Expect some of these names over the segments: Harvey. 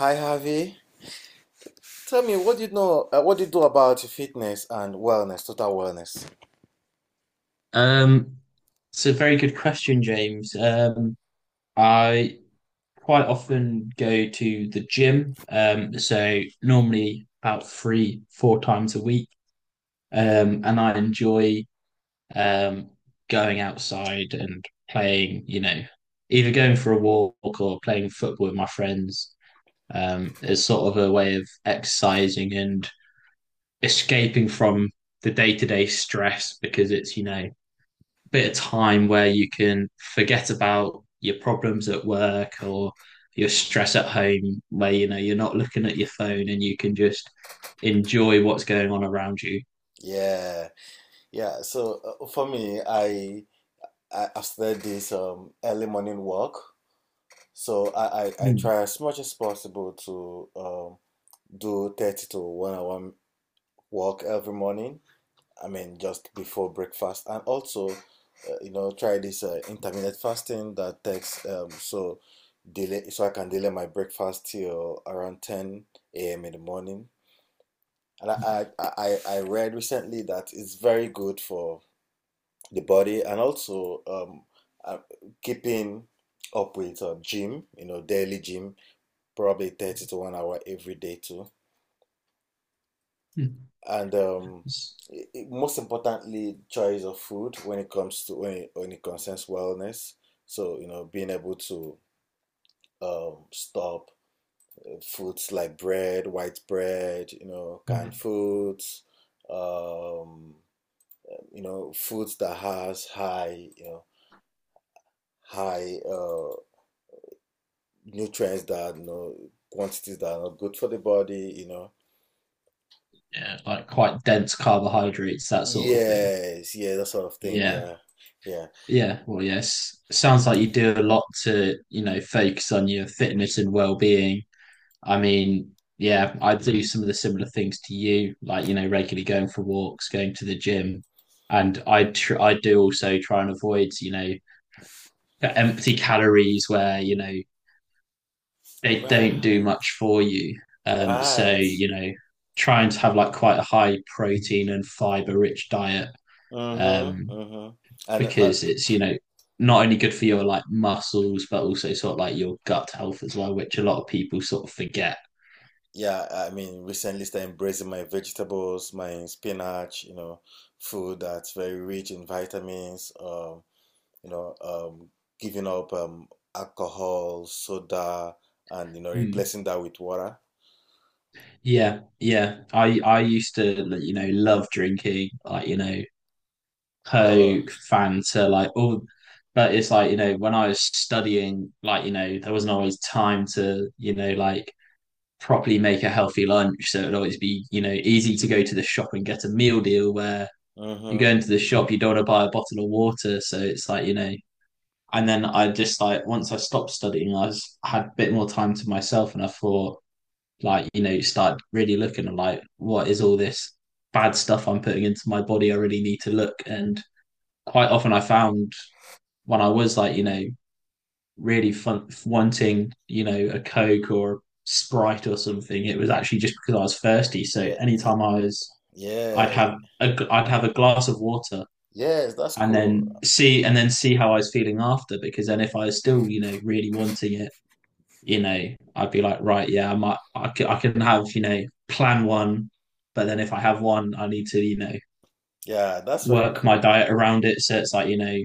Hi, Harvey. Tell me, what do you know? What do you do about fitness and wellness, total wellness? Um, it's a very good question, James. I quite often go to the gym, so normally about 3, 4 times a week. And I enjoy um going outside and playing, either going for a walk or playing football with my friends. As sort of a way of exercising and escaping from the day-to-day stress because it's, bit of time where you can forget about your problems at work or your stress at home, where you know you're not looking at your phone and you can just enjoy what's going on around you. Yeah, yeah. So for me, I've started this early morning walk. So I Mm. try as much as possible to do 30 to 1 hour walk every morning. I mean, just before breakfast, and also, try this intermittent fasting that takes so delay, so I can delay my breakfast till around 10 a.m. in the morning. And I read recently that it's very good for the body and also uh, keeping up with gym, daily gym, probably 30 to 1 hour every day too. Mm. And most importantly, choice of food when it comes to when it concerns wellness. So being able to stop foods like bread, white bread, canned foods, um, foods that has high, nutrients that quantities that are not good for the body. You know, Yeah, like quite dense carbohydrates, that sort of thing. yes, yeah, that sort of thing. Yeah. Yeah, yeah, Yeah. Well, yes. Sounds like you do a lot to, focus on your fitness and well-being. I mean, yeah, I do some of the similar things to you, like, regularly going for walks, going to the gym. And I do also try and avoid, empty calories where, they don't do right. much for you. So, Right. Trying to have like quite a high protein and fiber rich diet, Mm-hmm. um, Mm-hmm. And because it's, not only good for your like muscles, but also sort of like your gut health as well, which a lot of people sort of forget. yeah, I mean, recently started embracing my vegetables, my spinach, food that's very rich in vitamins, you know, um, giving up alcohol, soda, and, Mm. replacing that with water. Yeah, yeah. I used to, like, love drinking, like, Oh, Coke, Fanta, like all. But it's like, when I was studying, like, there wasn't always time to, like properly make a healthy lunch. So it'd always be, easy to go to the shop and get a meal deal where you go mm-hmm. into the shop, you don't want to buy a bottle of water. So it's like, and then I just like once I stopped studying, I had a bit more time to myself, and I thought, like, you start really looking at like what is all this bad stuff I'm putting into my body? I really need to look. And quite often, I found when I was like, really fun wanting, a coke or a sprite or something, it was actually just because I was thirsty. So Yeah, anytime I was, I'd yeah, have a, I'd have a glass of water yes, that's and cool. then see how I was feeling after because then if I was still you know really wanting it you know, I'd be like, right, yeah, I might, I can have, plan one, but then if I have one, I need to, Yeah, that's very work my cool. diet around it. So it's like,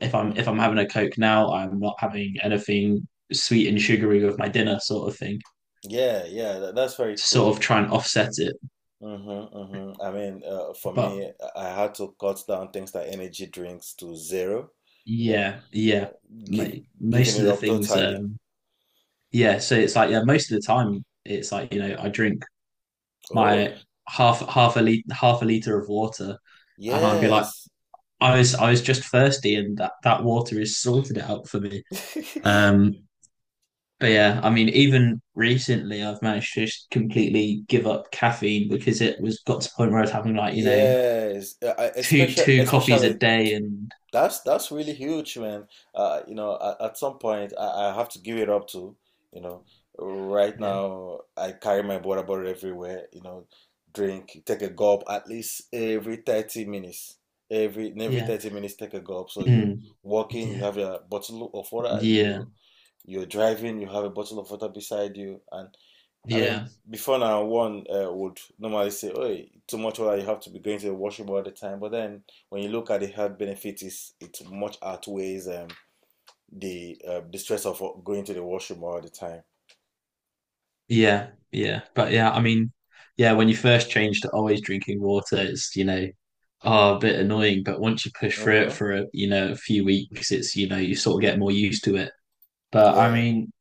if I'm Mhm. having a Coke now, I'm not having anything sweet and sugary with my dinner, sort of thing, Yeah, yeah, that's very to sort cool. of try and offset it. Mm-hmm, mm-hmm. I mean, for But me, I had to cut down things like energy drinks to zero, you know, yeah, you yeah, know, mo- give giving most of it the up things, totally. Yeah. So it's like, yeah, most of the time, it's like, I drink Oh, my half a liter of water, and I'd be like yes. I was just thirsty, and that water has sorted it out for me. Um, but yeah, I mean, even recently, I've managed to just completely give up caffeine because it was got to the point where I was having like Yes, I- two especially two coffees a especially day, and that's really huge, man. At some point, I have to give it up to, you know, right yeah, now, I carry my water bottle everywhere. Drink, take a gulp at least every 30 minutes. Every yeah, 30 minutes, take a gulp. So you mm, walking, yeah, you have a bottle of water. yeah, You're driving, you have a bottle of water beside you. And I mean, yeah, before now, one would normally say, "Oh, too much water. You have to be going to the washroom all the time." But then, when you look at the health benefits, it much outweighs the stress of going to the washroom all the time. yeah, yeah. But yeah, I mean, yeah, when you first change to always drinking water, it's oh, a bit annoying. But once you push through it Mm-hmm. for a few weeks, it's you sort of get more used to it. But I Yeah. mean,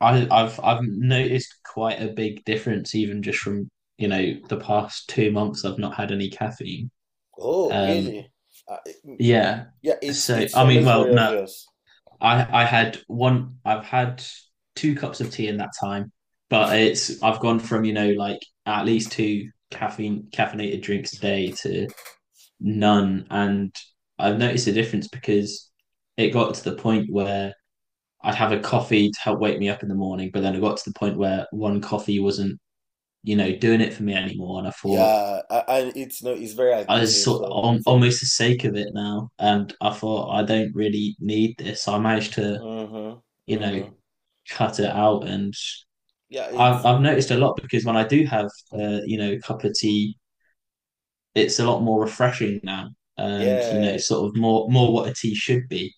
I've noticed quite a big difference even just from, the past 2 months I've not had any caffeine. Oh, Um, really? Uh, it- mm, yeah. yeah. It's So it's I mean, always well, very no, obvious. I had one. I've had two cups of tea in that time, but it's I've gone from, like at least two caffeine caffeinated drinks a day to none, and I've noticed a difference because it got to the point where I'd have a coffee to help wake me up in the morning, but then it got to the point where one coffee wasn't doing it for me anymore. And I thought Yeah, and it's no, it's very I was addictive. sort of So al- from. almost the sake of it now. And I thought I don't really need this. I managed to, Mm-hmm. you know, Mm-hmm. cut it out. And Yeah. I've, It's I've noticed a lot because when I do have, a cup of tea, it's a lot more refreshing now. And yeah. sort of more what a tea should be.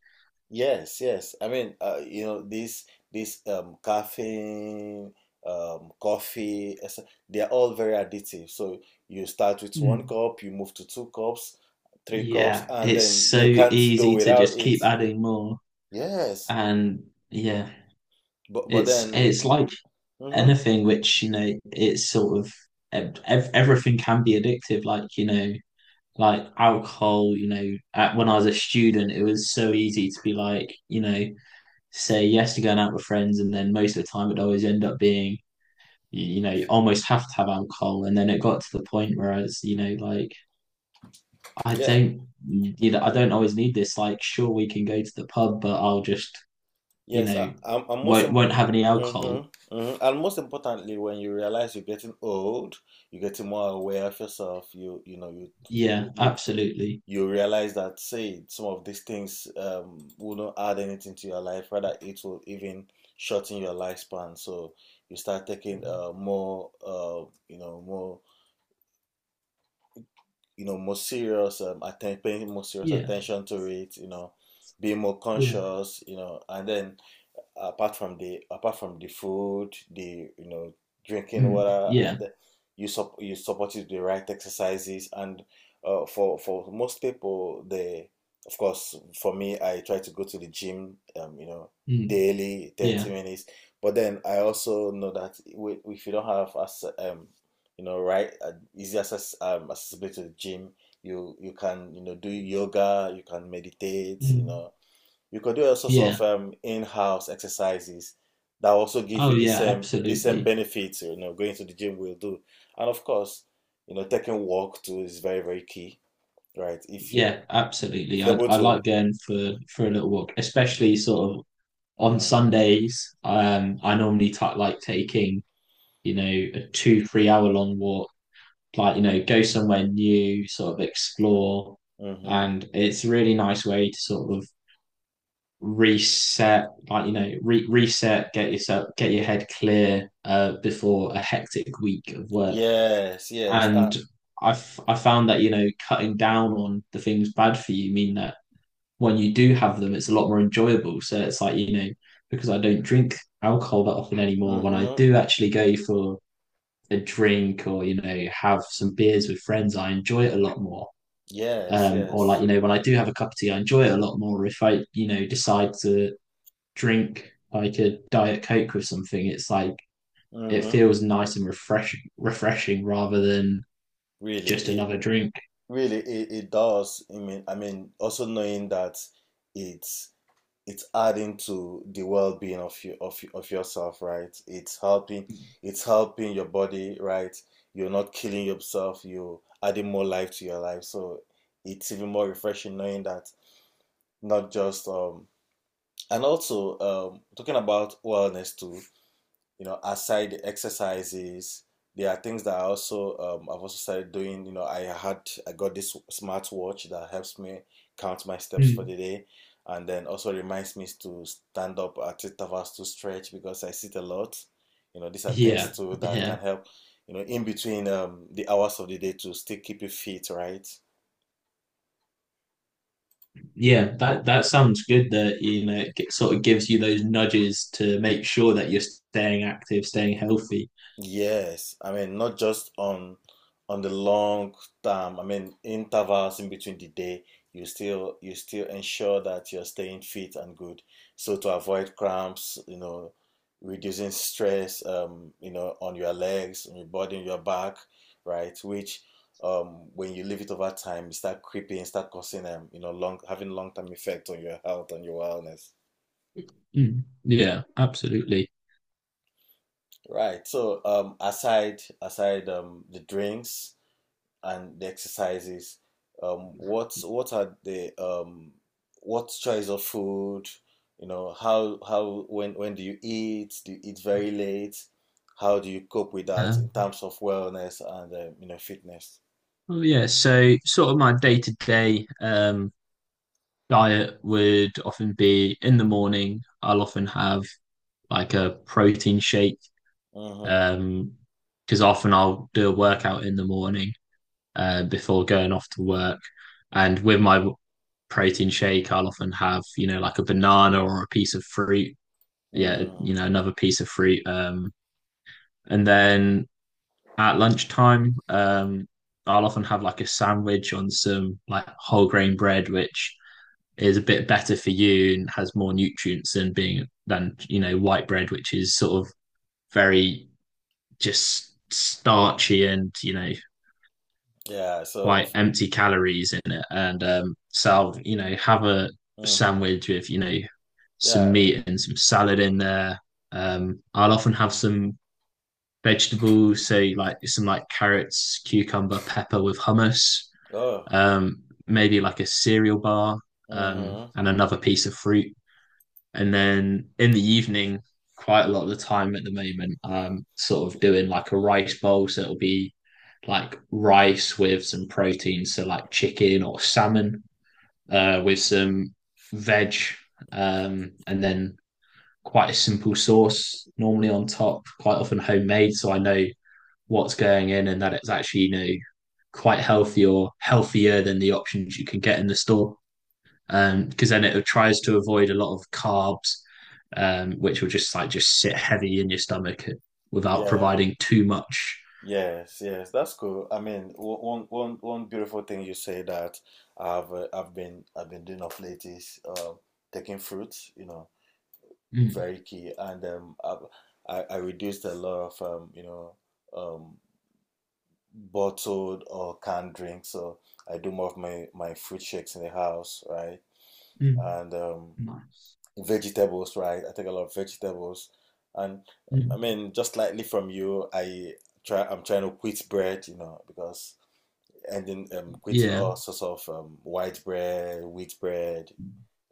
Yes, yes. I mean, this caffeine, coffee, et cetera, they are all very addictive. So you start with one Mm. cup, you move to 2 cups, 3 cups, Yeah, and it's then so you can't do easy to without just it. keep adding more. Yes. And yeah, But it's then, it's like mm-hmm, anything which it's sort of ev- everything can be addictive like like alcohol when I was a student it was so easy to be like say yes to going out with friends and then most of the time it would always end up being you, you know you almost have to have alcohol and then it got to the point where I was like I yeah, don't you know I don't always need this like sure we can go to the pub but I'll just you yes. I, know I'm most won't im- won't have any alcohol. Mm-hmm, mm-hmm. And most importantly, when you realize you're getting old, you're getting more aware of yourself. You, Yeah, you absolutely. you realize that say some of these things will not add anything to your life, rather it will even shorten your lifespan. So you start taking more you know more more serious paying more serious Yeah, attention to it, being more yeah. conscious, and then apart from the food, the you know drinking Mm, water. yeah. And you support it with the right exercises. And for most people, they, of course, for me, I try to go to the gym, Mm, daily, thirty yeah. minutes. But then I also know that if you don't have as you know right easy access accessibility to the gym, you can do yoga, you can meditate. Mm, You could do all sorts yeah. of in-house exercises that also give Oh you the yeah, same the same absolutely. benefits. Going to the gym will do. And of course, taking walk too is very, very key, right? If you Yeah, absolutely. if you're I able I to. like going for a little walk, especially sort of on Mm-hmm, Sundays. I normally ta like taking, you know, a 2, 3 hour long walk, like, go somewhere new, sort of explore. mm-hmm, And it's a really nice way to sort of reset, like, get yourself, get your head clear, before a hectic week of work. yes, yes, And I found that, cutting down on the things bad for you mean that when you do have them, it's a lot more enjoyable. So it's like, because I don't drink alcohol that often anymore, when I mm-hmm, do actually go for a drink or, have some beers with friends, I enjoy it a lot more. yes, Or like, yes, when I do have a cup of tea, I enjoy it a lot more. If I, decide to drink like a Diet Coke with something, it's like it mm-hmm. feels nice and refreshing rather than Really, just another drink. It does. I mean, also knowing that it's it's adding to the well-being of you, of yourself, right? It's helping your body, right? You're not killing yourself, you're adding more life to your life. So it's even more refreshing knowing that, not just and also talking about wellness too. Aside the exercises, there are things that I also, I've also started doing. I got this smartwatch that helps me count my steps for Mm. the day, and then also reminds me to stand up at intervals to stretch because I sit a lot. These are things Yeah, too that yeah, can help. In between the hours of the day to still keep you fit, right? yeah. That sounds good. It sort of gives you those nudges to make sure that you're staying active, staying healthy. Yes, I mean, not just on the long term. I mean intervals in between the day, you still ensure that you're staying fit and good. So to avoid cramps, reducing stress, on your legs, on your body, on your back, right? Which, when you leave it over time, you start creeping, start causing, long term effect on your health and your wellness. Mm, yeah, absolutely. Right. So aside the drinks and the exercises, what are the what choice of food? You know, how When do you eat? Do you eat very late? How do you cope with that in Um, terms of wellness and fitness? well, yeah. So, sort of my day to day diet would often be in the morning. I'll often have like a protein shake. Mm-hmm. Um, because often I'll do a workout in the morning, before going off to work. And with my protein shake, I'll often have, like a banana or a piece of fruit. Yeah, Mm. Another piece of fruit. And then at lunchtime, I'll often have like a sandwich on some like whole grain bread, which is a bit better for you and has more nutrients than white bread, which is sort of very just starchy and Yeah. So. quite empty calories in it. And so I'll, have a Mm-hmm. sandwich with some Yeah. meat and some salad in there. I'll often have some vegetables, so like some like carrots, cucumber, pepper with hummus. Oh. Maybe like a cereal bar, Mm-hmm. and another piece of fruit. And then in the evening, quite a lot of the time at the moment, sort of doing like a rice bowl. So it'll be like rice with some protein, so like chicken or salmon, with some veg, and then quite a simple sauce normally on top, quite often homemade. So I know what's going in and that it's actually, quite healthy or healthier than the options you can get in the store, because then it tries to avoid a lot of carbs, which will just like just sit heavy in your stomach without Yeah. providing too much. Yes, yes, that's cool. I mean, one beautiful thing you say that I've, I've been doing of late is taking fruits. You know, Mm, very key. And I reduced a lot of um, bottled or canned drinks. So I do more of my fruit shakes in the house, right? mm, And nice. vegetables, right? I take a lot of vegetables. And I Mm. mean, just slightly from you, I try. I'm trying to quit bread, because. And then creating Yeah, all sorts of white bread, wheat bread,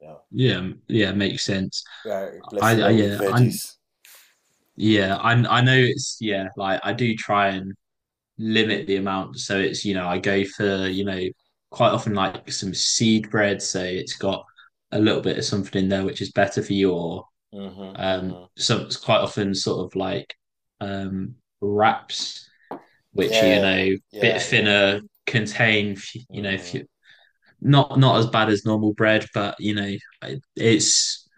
you know, yeah, yeah. rep- Makes sense. yeah, replacing I them with yeah, I'm veggies. yeah, I know it's yeah. Like I do try and limit the amount, so it's I go for quite often like some seed bread, so it's got a little bit of something in there which is better for you, or Mm-hmm, mm-hmm. so it's quite often sort of like wraps, which Yeah, bit yeah, yeah. thinner, contain you know, f- Mm-hmm. not as bad as normal bread, but it's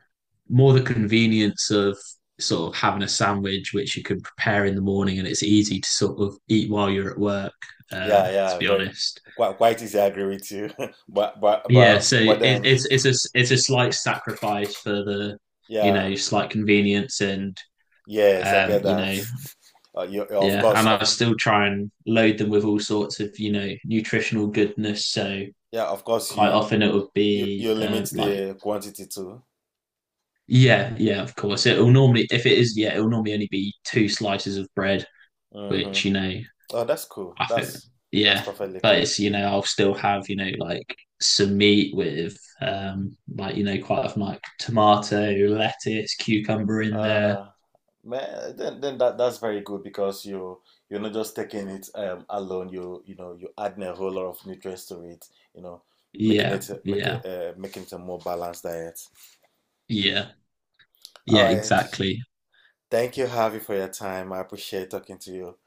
more the convenience of sort of having a sandwich which you can prepare in the morning and it's easy to sort of eat while you're at work. Yeah, To yeah. be Very, honest, quite easy. I agree with you. But but yeah. but So it, but then, it's it's a it's a slight sacrifice for the yeah, slight convenience and yes, I um, get you that. know You, you- of Yeah, course and of I c- still try and load them with all sorts of, nutritional goodness. So Yeah, of course, quite you often it would you, you be limit like, the quantity too. yeah, yeah, of course. It'll normally, if it is, yeah, it'll normally only be two slices of bread, which, Mm-hmm. Oh, that's cool. I think, That's yeah, perfectly but cool. it's, I'll still have, like some meat with, like, quite often like tomato, lettuce, cucumber in there. Uh, Man, then that's very good because you're not just taking it alone. You adding a whole lot of nutrients to it. You know, making Yeah, it make yeah, it making it a more balanced diet. yeah, All yeah, right. exactly. Thank you, Harvey, for your time. I appreciate talking to you.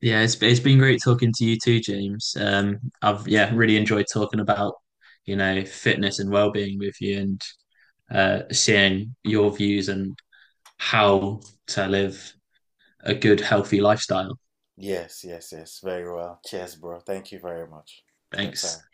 Yeah, it's been great talking to you too, James. I've, yeah, really enjoyed talking about fitness and well-being with you and, seeing your views and how to live a good healthy lifestyle. Yes, yes, yes. Very well. Cheers, bro. Thank you very much for your time. Thanks.